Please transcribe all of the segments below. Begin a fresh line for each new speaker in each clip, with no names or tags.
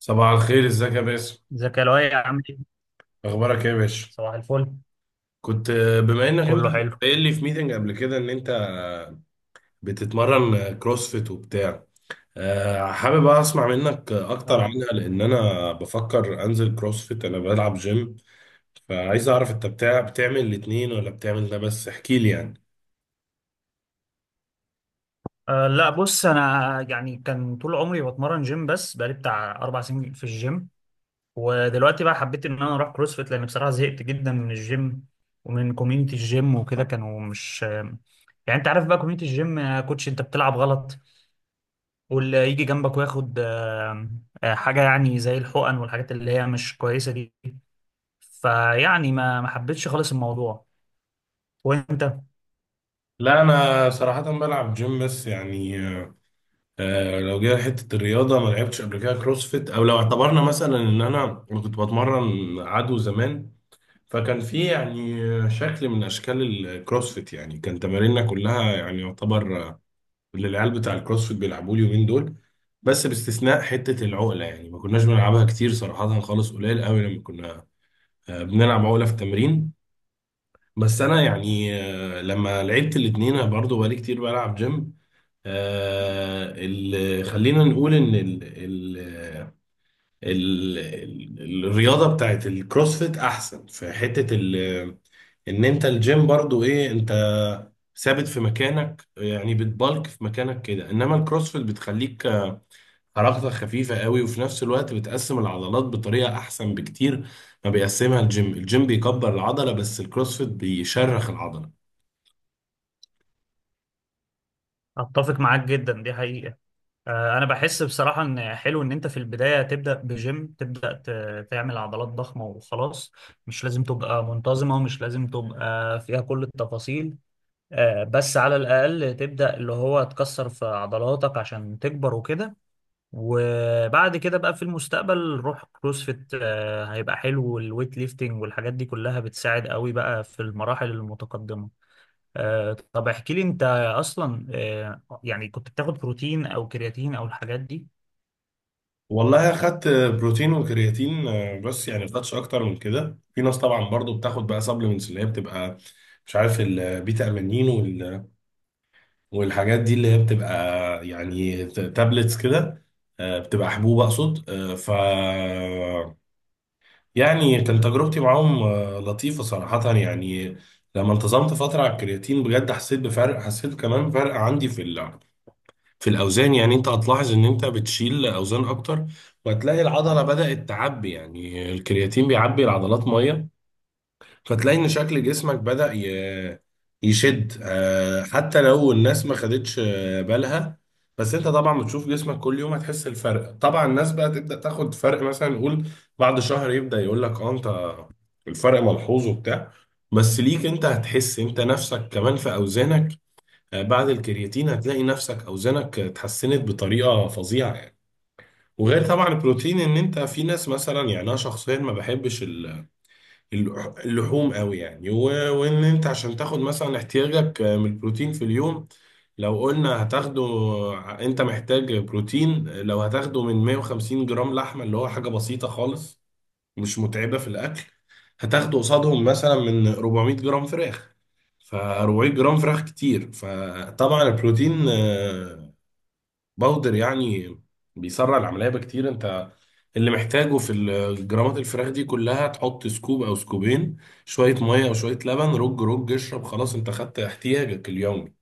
صباح الخير، ازيك يا باسم؟
ازيك يا لؤي عامل ايه؟
اخبارك ايه يا باشا؟
صباح الفل.
كنت بما انك
كله
كنت
حلو.
قايل لي في ميتنج قبل كده ان انت بتتمرن كروسفيت وبتاع. حابب بقى اسمع منك اكتر
اه.
عنها، لان انا بفكر انزل كروسفيت، انا بلعب جيم، فعايز اعرف انت بتاع بتعمل الاتنين ولا بتعمل ده بس، احكي لي يعني.
لا بص انا يعني كان طول عمري بتمرن جيم، بس بقالي بتاع 4 سنين في الجيم. ودلوقتي بقى حبيت ان انا اروح كروسفيت لان بصراحه زهقت جدا من الجيم ومن كوميونتي الجيم وكده. كانوا مش يعني انت عارف بقى كوميونتي الجيم، كوتش انت بتلعب غلط واللي يجي جنبك وياخد حاجه يعني زي الحقن والحاجات اللي هي مش كويسه دي. فيعني ما حبيتش خالص الموضوع. وانت؟
لا انا صراحة بلعب جيم بس يعني، لو جينا حتة الرياضة، ما لعبتش قبل كده كروسفيت، او لو اعتبرنا مثلا ان أنا كنت بتمرن عدو زمان، فكان في يعني شكل من اشكال الكروسفيت، يعني كان تماريننا كلها يعني يعتبر اللي العيال بتاع الكروسفيت بيلعبوه اليومين دول، بس باستثناء حته العقله، يعني ما كناش بنلعبها كتير صراحه، خالص قليل قوي لما كنا بنلعب عقله في التمرين. بس انا يعني، لما لعبت الاتنين أنا برضه بقالي كتير بلعب جيم. خلينا نقول ان ال ال الرياضه بتاعت الكروسفيت احسن في حته ان انت الجيم برضو ايه، انت ثابت في مكانك، يعني بتبالك في مكانك كده، انما الكروسفيت بتخليك حركتك خفيفة قوي، وفي نفس الوقت بتقسم العضلات بطريقة احسن بكتير ما بيقسمها الجيم. الجيم بيكبر العضلة، بس الكروسفيت بيشرخ العضلة.
اتفق معاك جدا، دي حقيقه. انا بحس بصراحه ان حلو ان انت في البدايه تبدا بجيم، تبدا تعمل عضلات ضخمه وخلاص. مش لازم تبقى منتظمه ومش لازم تبقى فيها كل التفاصيل، بس على الاقل تبدا اللي هو تكسر في عضلاتك عشان تكبر وكده. وبعد كده بقى في المستقبل روح كروسفيت، هيبقى حلو. والويت ليفتنج والحاجات دي كلها بتساعد قوي بقى في المراحل المتقدمه. طب احكي لي انت اصلا، يعني كنت بتاخد بروتين او كرياتين او الحاجات دي؟
والله اخدت بروتين وكرياتين، بس يعني ما خدتش اكتر من كده. في ناس طبعا برضو بتاخد بقى سبلمنتس اللي هي بتبقى مش عارف البيتا امينين والحاجات دي، اللي هي بتبقى يعني تابلتس كده، بتبقى حبوب اقصد، ف يعني كانت تجربتي معاهم لطيفة صراحة يعني. لما انتظمت فترة على الكرياتين، بجد حسيت بفرق، حسيت كمان بفرق عندي في في الاوزان، يعني انت هتلاحظ ان انت بتشيل اوزان اكتر، وهتلاقي العضلة بدأت تعبي، يعني الكرياتين بيعبي العضلات مية. فتلاقي ان شكل جسمك بدأ يشد، حتى لو الناس ما خدتش بالها، بس انت طبعا بتشوف جسمك كل يوم هتحس الفرق. طبعا الناس بقى تبدأ تاخد فرق مثلا نقول بعد شهر، يبدأ يقول لك اه انت الفرق ملحوظ وبتاع، بس ليك انت هتحس انت نفسك كمان في اوزانك. بعد الكرياتين هتلاقي نفسك اوزانك اتحسنت بطريقة فظيعة يعني. وغير طبعا البروتين، ان انت في ناس مثلا، يعني انا شخصيا ما بحبش اللحوم قوي يعني، وان انت عشان تاخد مثلا احتياجك من البروتين في اليوم، لو قلنا هتاخده، انت محتاج بروتين لو هتاخده من 150 جرام لحمة، اللي هو حاجة بسيطة خالص، مش متعبة في الاكل، هتاخده قصادهم مثلا من 400 جرام فراخ، ف 400 جرام فراخ كتير. فطبعا البروتين باودر يعني بيسرع العملية بكتير. انت اللي محتاجه في جرامات الفراخ دي كلها، تحط سكوب او سكوبين، شوية مية او شوية لبن، رج، اشرب، خلاص انت خدت احتياجك اليومي.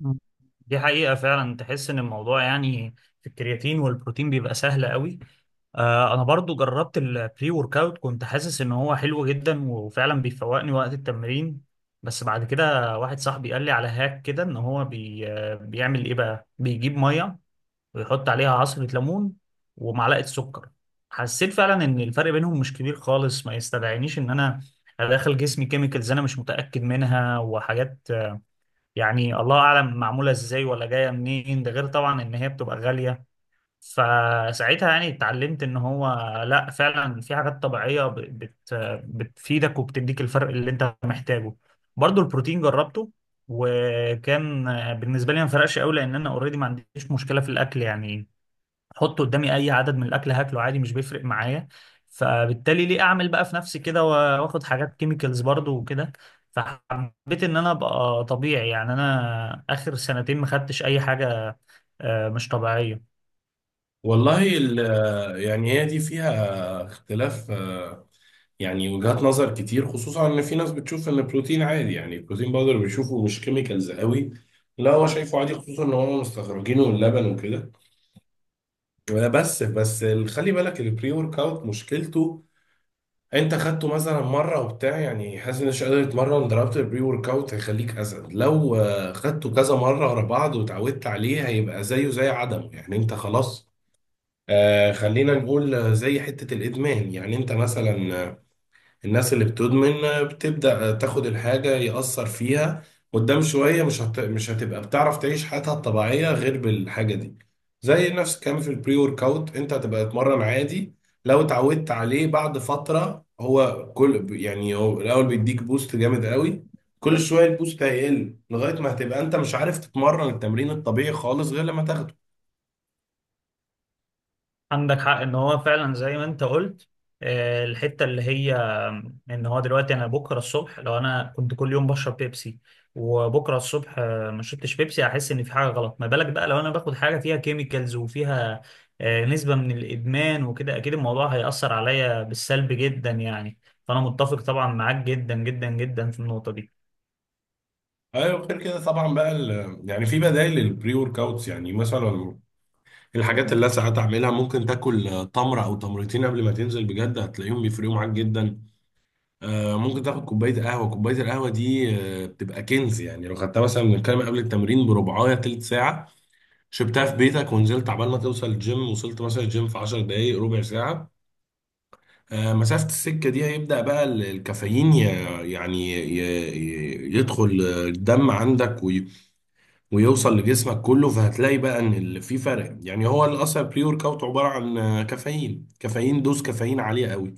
مم. دي حقيقة فعلا، تحس ان الموضوع يعني في الكرياتين والبروتين بيبقى سهل قوي. انا برضو جربت البري ورك اوت، كنت حاسس ان هو حلو جدا وفعلا بيفوقني وقت التمرين. بس بعد كده واحد صاحبي قال لي على هاك كده، ان هو بي آه، بيعمل ايه بقى، بيجيب مية ويحط عليها عصرة ليمون ومعلقة سكر. حسيت فعلا ان الفرق بينهم مش كبير خالص، ما يستدعينيش ان انا ادخل جسمي كيميكلز انا مش متأكد منها وحاجات. يعني الله اعلم معموله ازاي ولا جايه منين، ده غير طبعا ان هي بتبقى غاليه. فساعتها يعني اتعلمت ان هو لا، فعلا في حاجات طبيعيه ب- بت بتفيدك وبتديك الفرق اللي انت محتاجه. برضو البروتين جربته، وكان بالنسبه لي ما فرقش قوي، لان انا اوريدي ما عنديش مشكله في الاكل يعني. حط قدامي اي عدد من الاكل هاكله عادي، مش بيفرق معايا. فبالتالي ليه اعمل بقى في نفسي كده واخد حاجات كيميكالز برضو وكده. فحبيت ان انا ابقى طبيعي، يعني انا اخر 2 سنين ما خدتش اي حاجه مش طبيعيه.
والله ال- يعني هي دي فيها اختلاف، يعني وجهات نظر كتير، خصوصا ان في ناس بتشوف ان البروتين عادي، يعني البروتين باودر بيشوفه مش كيميكالز قوي، لا هو شايفه عادي خصوصا ان هم مستخرجينه من اللبن وكده. بس خلي بالك البري ورك اوت مشكلته انت خدته مثلا مره وبتاع يعني حاسس انك مش قادر تتمرن، ضربت البري ورك اوت هيخليك اسد، لو خدته كذا مره ورا بعض وتعودت عليه هيبقى زيه زي عدمه يعني. انت خلاص، آه خلينا نقول زي حته الادمان، يعني انت مثلا الناس اللي بتدمن بتبدأ تاخد الحاجة يأثر فيها، قدام شوية مش هتبقى بتعرف تعيش حياتها الطبيعية غير بالحاجة دي. زي نفس الكلام في البري ورك اوت، انت هتبقى تتمرن عادي، لو اتعودت عليه بعد فترة هو كل يعني هو الأول بيديك بوست جامد قوي، كل شوية البوست هيقل لغاية ما هتبقى انت مش عارف تتمرن التمرين الطبيعي خالص غير لما تاخده.
عندك حق ان هو فعلا زي ما انت قلت، الحته اللي هي ان هو دلوقتي انا بكره الصبح لو انا كنت كل يوم بشرب بيبسي، وبكره الصبح ما شربتش بيبسي هحس ان في حاجه غلط. ما بالك بقى لو انا باخد حاجه فيها كيميكالز وفيها نسبه من الادمان وكده، اكيد الموضوع هيأثر عليا بالسلب جدا يعني. فانا متفق طبعا معاك جدا جدا جدا في النقطه دي.
ايوه غير كده طبعا بقى يعني في بدائل للبري ورك اوتس، يعني مثلا الحاجات اللي أنا ساعات اعملها، ممكن تاكل تمره او تمرتين قبل ما تنزل بجد هتلاقيهم بيفرقوا معاك جدا. ممكن تاخد كوبايه قهوه، كوبايه القهوه دي بتبقى كنز، يعني لو خدتها مثلا، بنتكلم قبل التمرين بربعايه تلت ساعه، شربتها في بيتك ونزلت، عبال ما توصل الجيم، وصلت مثلا الجيم في 10 دقائق ربع ساعه، مسافه السكه دي هيبدا بقى الكافيين يعني ي- يدخل الدم عندك ويوصل لجسمك كله، فهتلاقي بقى ان في فرق. يعني هو اللي اصلا بري ورك اوت عباره عن كافيين دوز كافيين عاليه قوي،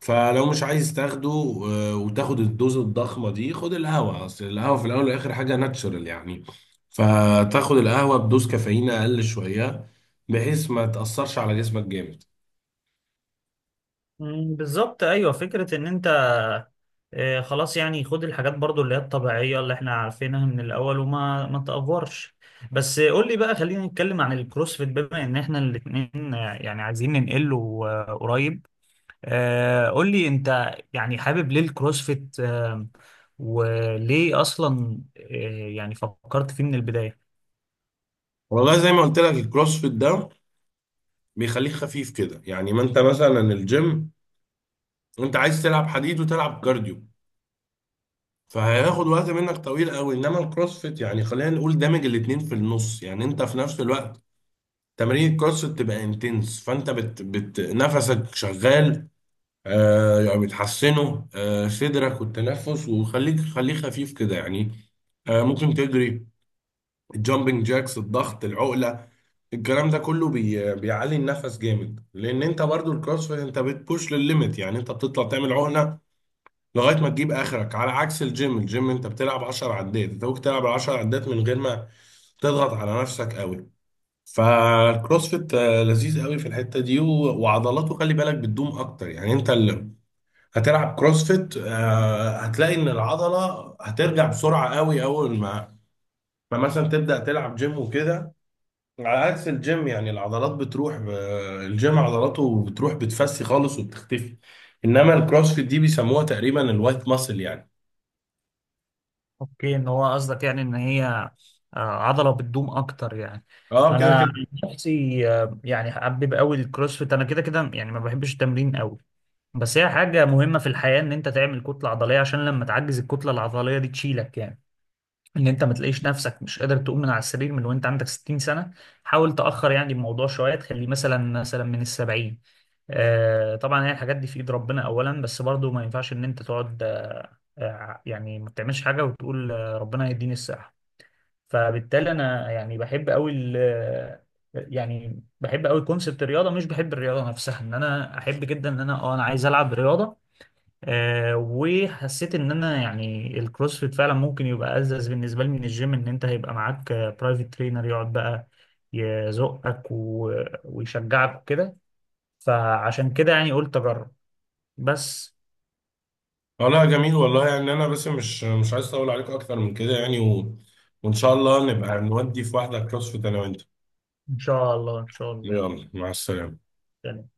فلو مش عايز تاخده وتاخد الدوز الضخمه دي، خد القهوه، اصل القهوه في الاول والاخر حاجه ناتشورال يعني، فتاخد القهوه بدوز كافيين اقل شويه، بحيث ما تاثرش على جسمك جامد.
مم، بالظبط. ايوه فكره، ان انت خلاص يعني خد الحاجات برضو اللي هي الطبيعية اللي احنا عارفينها من الأول، وما ما تأفورش. بس قول لي بقى، خلينا نتكلم عن الكروسفيت بما ان احنا الاتنين يعني عايزين ننقله قريب. قول لي انت يعني حابب ليه الكروسفيت، وليه اصلا يعني فكرت فيه من البداية؟
والله زي ما قلت لك الكروسفيت ده بيخليك خفيف كده، يعني ما انت مثلا الجيم انت عايز تلعب حديد وتلعب كارديو، فهياخد وقت منك طويل قوي، انما الكروسفيت يعني خلينا نقول دامج الاتنين في النص، يعني انت في نفس الوقت تمارين الكروسفيت تبقى انتنس، فانت بت نفسك شغال، آه يعني بتحسنه آه صدرك والتنفس، وخليك خليه خفيف كده يعني. آه ممكن تجري، الجامبنج جاكس، الضغط، العقلة، الكلام ده كله بيعلي النفس جامد، لان انت برضو الكروسفيت انت بتبوش للليميت، يعني انت بتطلع تعمل عقلة لغايه ما تجيب اخرك، على عكس الجيم، الجيم انت بتلعب 10 عدات، انت ممكن تلعب 10 عدات من غير ما تضغط على نفسك قوي. فالكروسفيت لذيذ قوي في الحته دي، وعضلاته خلي بالك بتدوم اكتر، يعني انت اللي هتلعب كروسفيت هتلاقي ان العضله هترجع بسرعه قوي اول ما مثلا تبدا تلعب جيم وكده، على عكس الجيم. يعني العضلات بتروح الجيم عضلاته بتروح بتفسي خالص وبتختفي، انما الكروسفيت دي بيسموها تقريبا الوايت ماسل يعني.
اوكي، ان هو قصدك يعني ان هي عضلة بتدوم اكتر يعني.
اه كده
انا عن
كده.
نفسي يعني حابب قوي الكروسفيت، انا كده كده يعني ما بحبش التمرين قوي. بس هي حاجة مهمة في الحياة ان انت تعمل كتلة عضلية، عشان لما تعجز الكتلة العضلية دي تشيلك يعني. ان انت ما تلاقيش نفسك مش قادر تقوم من على السرير من وانت عندك 60 سنة. حاول تأخر يعني الموضوع شوية، تخليه مثلا من الـ70. طبعا هي الحاجات دي في ايد ربنا اولا، بس برضو ما ينفعش ان انت تقعد يعني ما بتعملش حاجة وتقول ربنا هيديني الصحة. فبالتالي انا يعني بحب قوي يعني بحب قوي كونسبت الرياضة، مش بحب الرياضة نفسها. ان انا احب جدا ان انا عايز العب رياضة. وحسيت ان انا يعني الكروسفيت فعلا ممكن يبقى ألذذ بالنسبه لي من الجيم. ان انت هيبقى معاك برايفت ترينر يقعد بقى يزقك ويشجعك وكده. فعشان كده يعني قلت اجرب بس.
اه لا جميل والله، يعني انا بس مش عايز اطول عليكم اكتر من كده يعني، وان شاء الله نبقى نودي في واحده كروسفيت انا وانت.
ان شاء الله ان شاء الله.
يلا مع السلامه.
يعني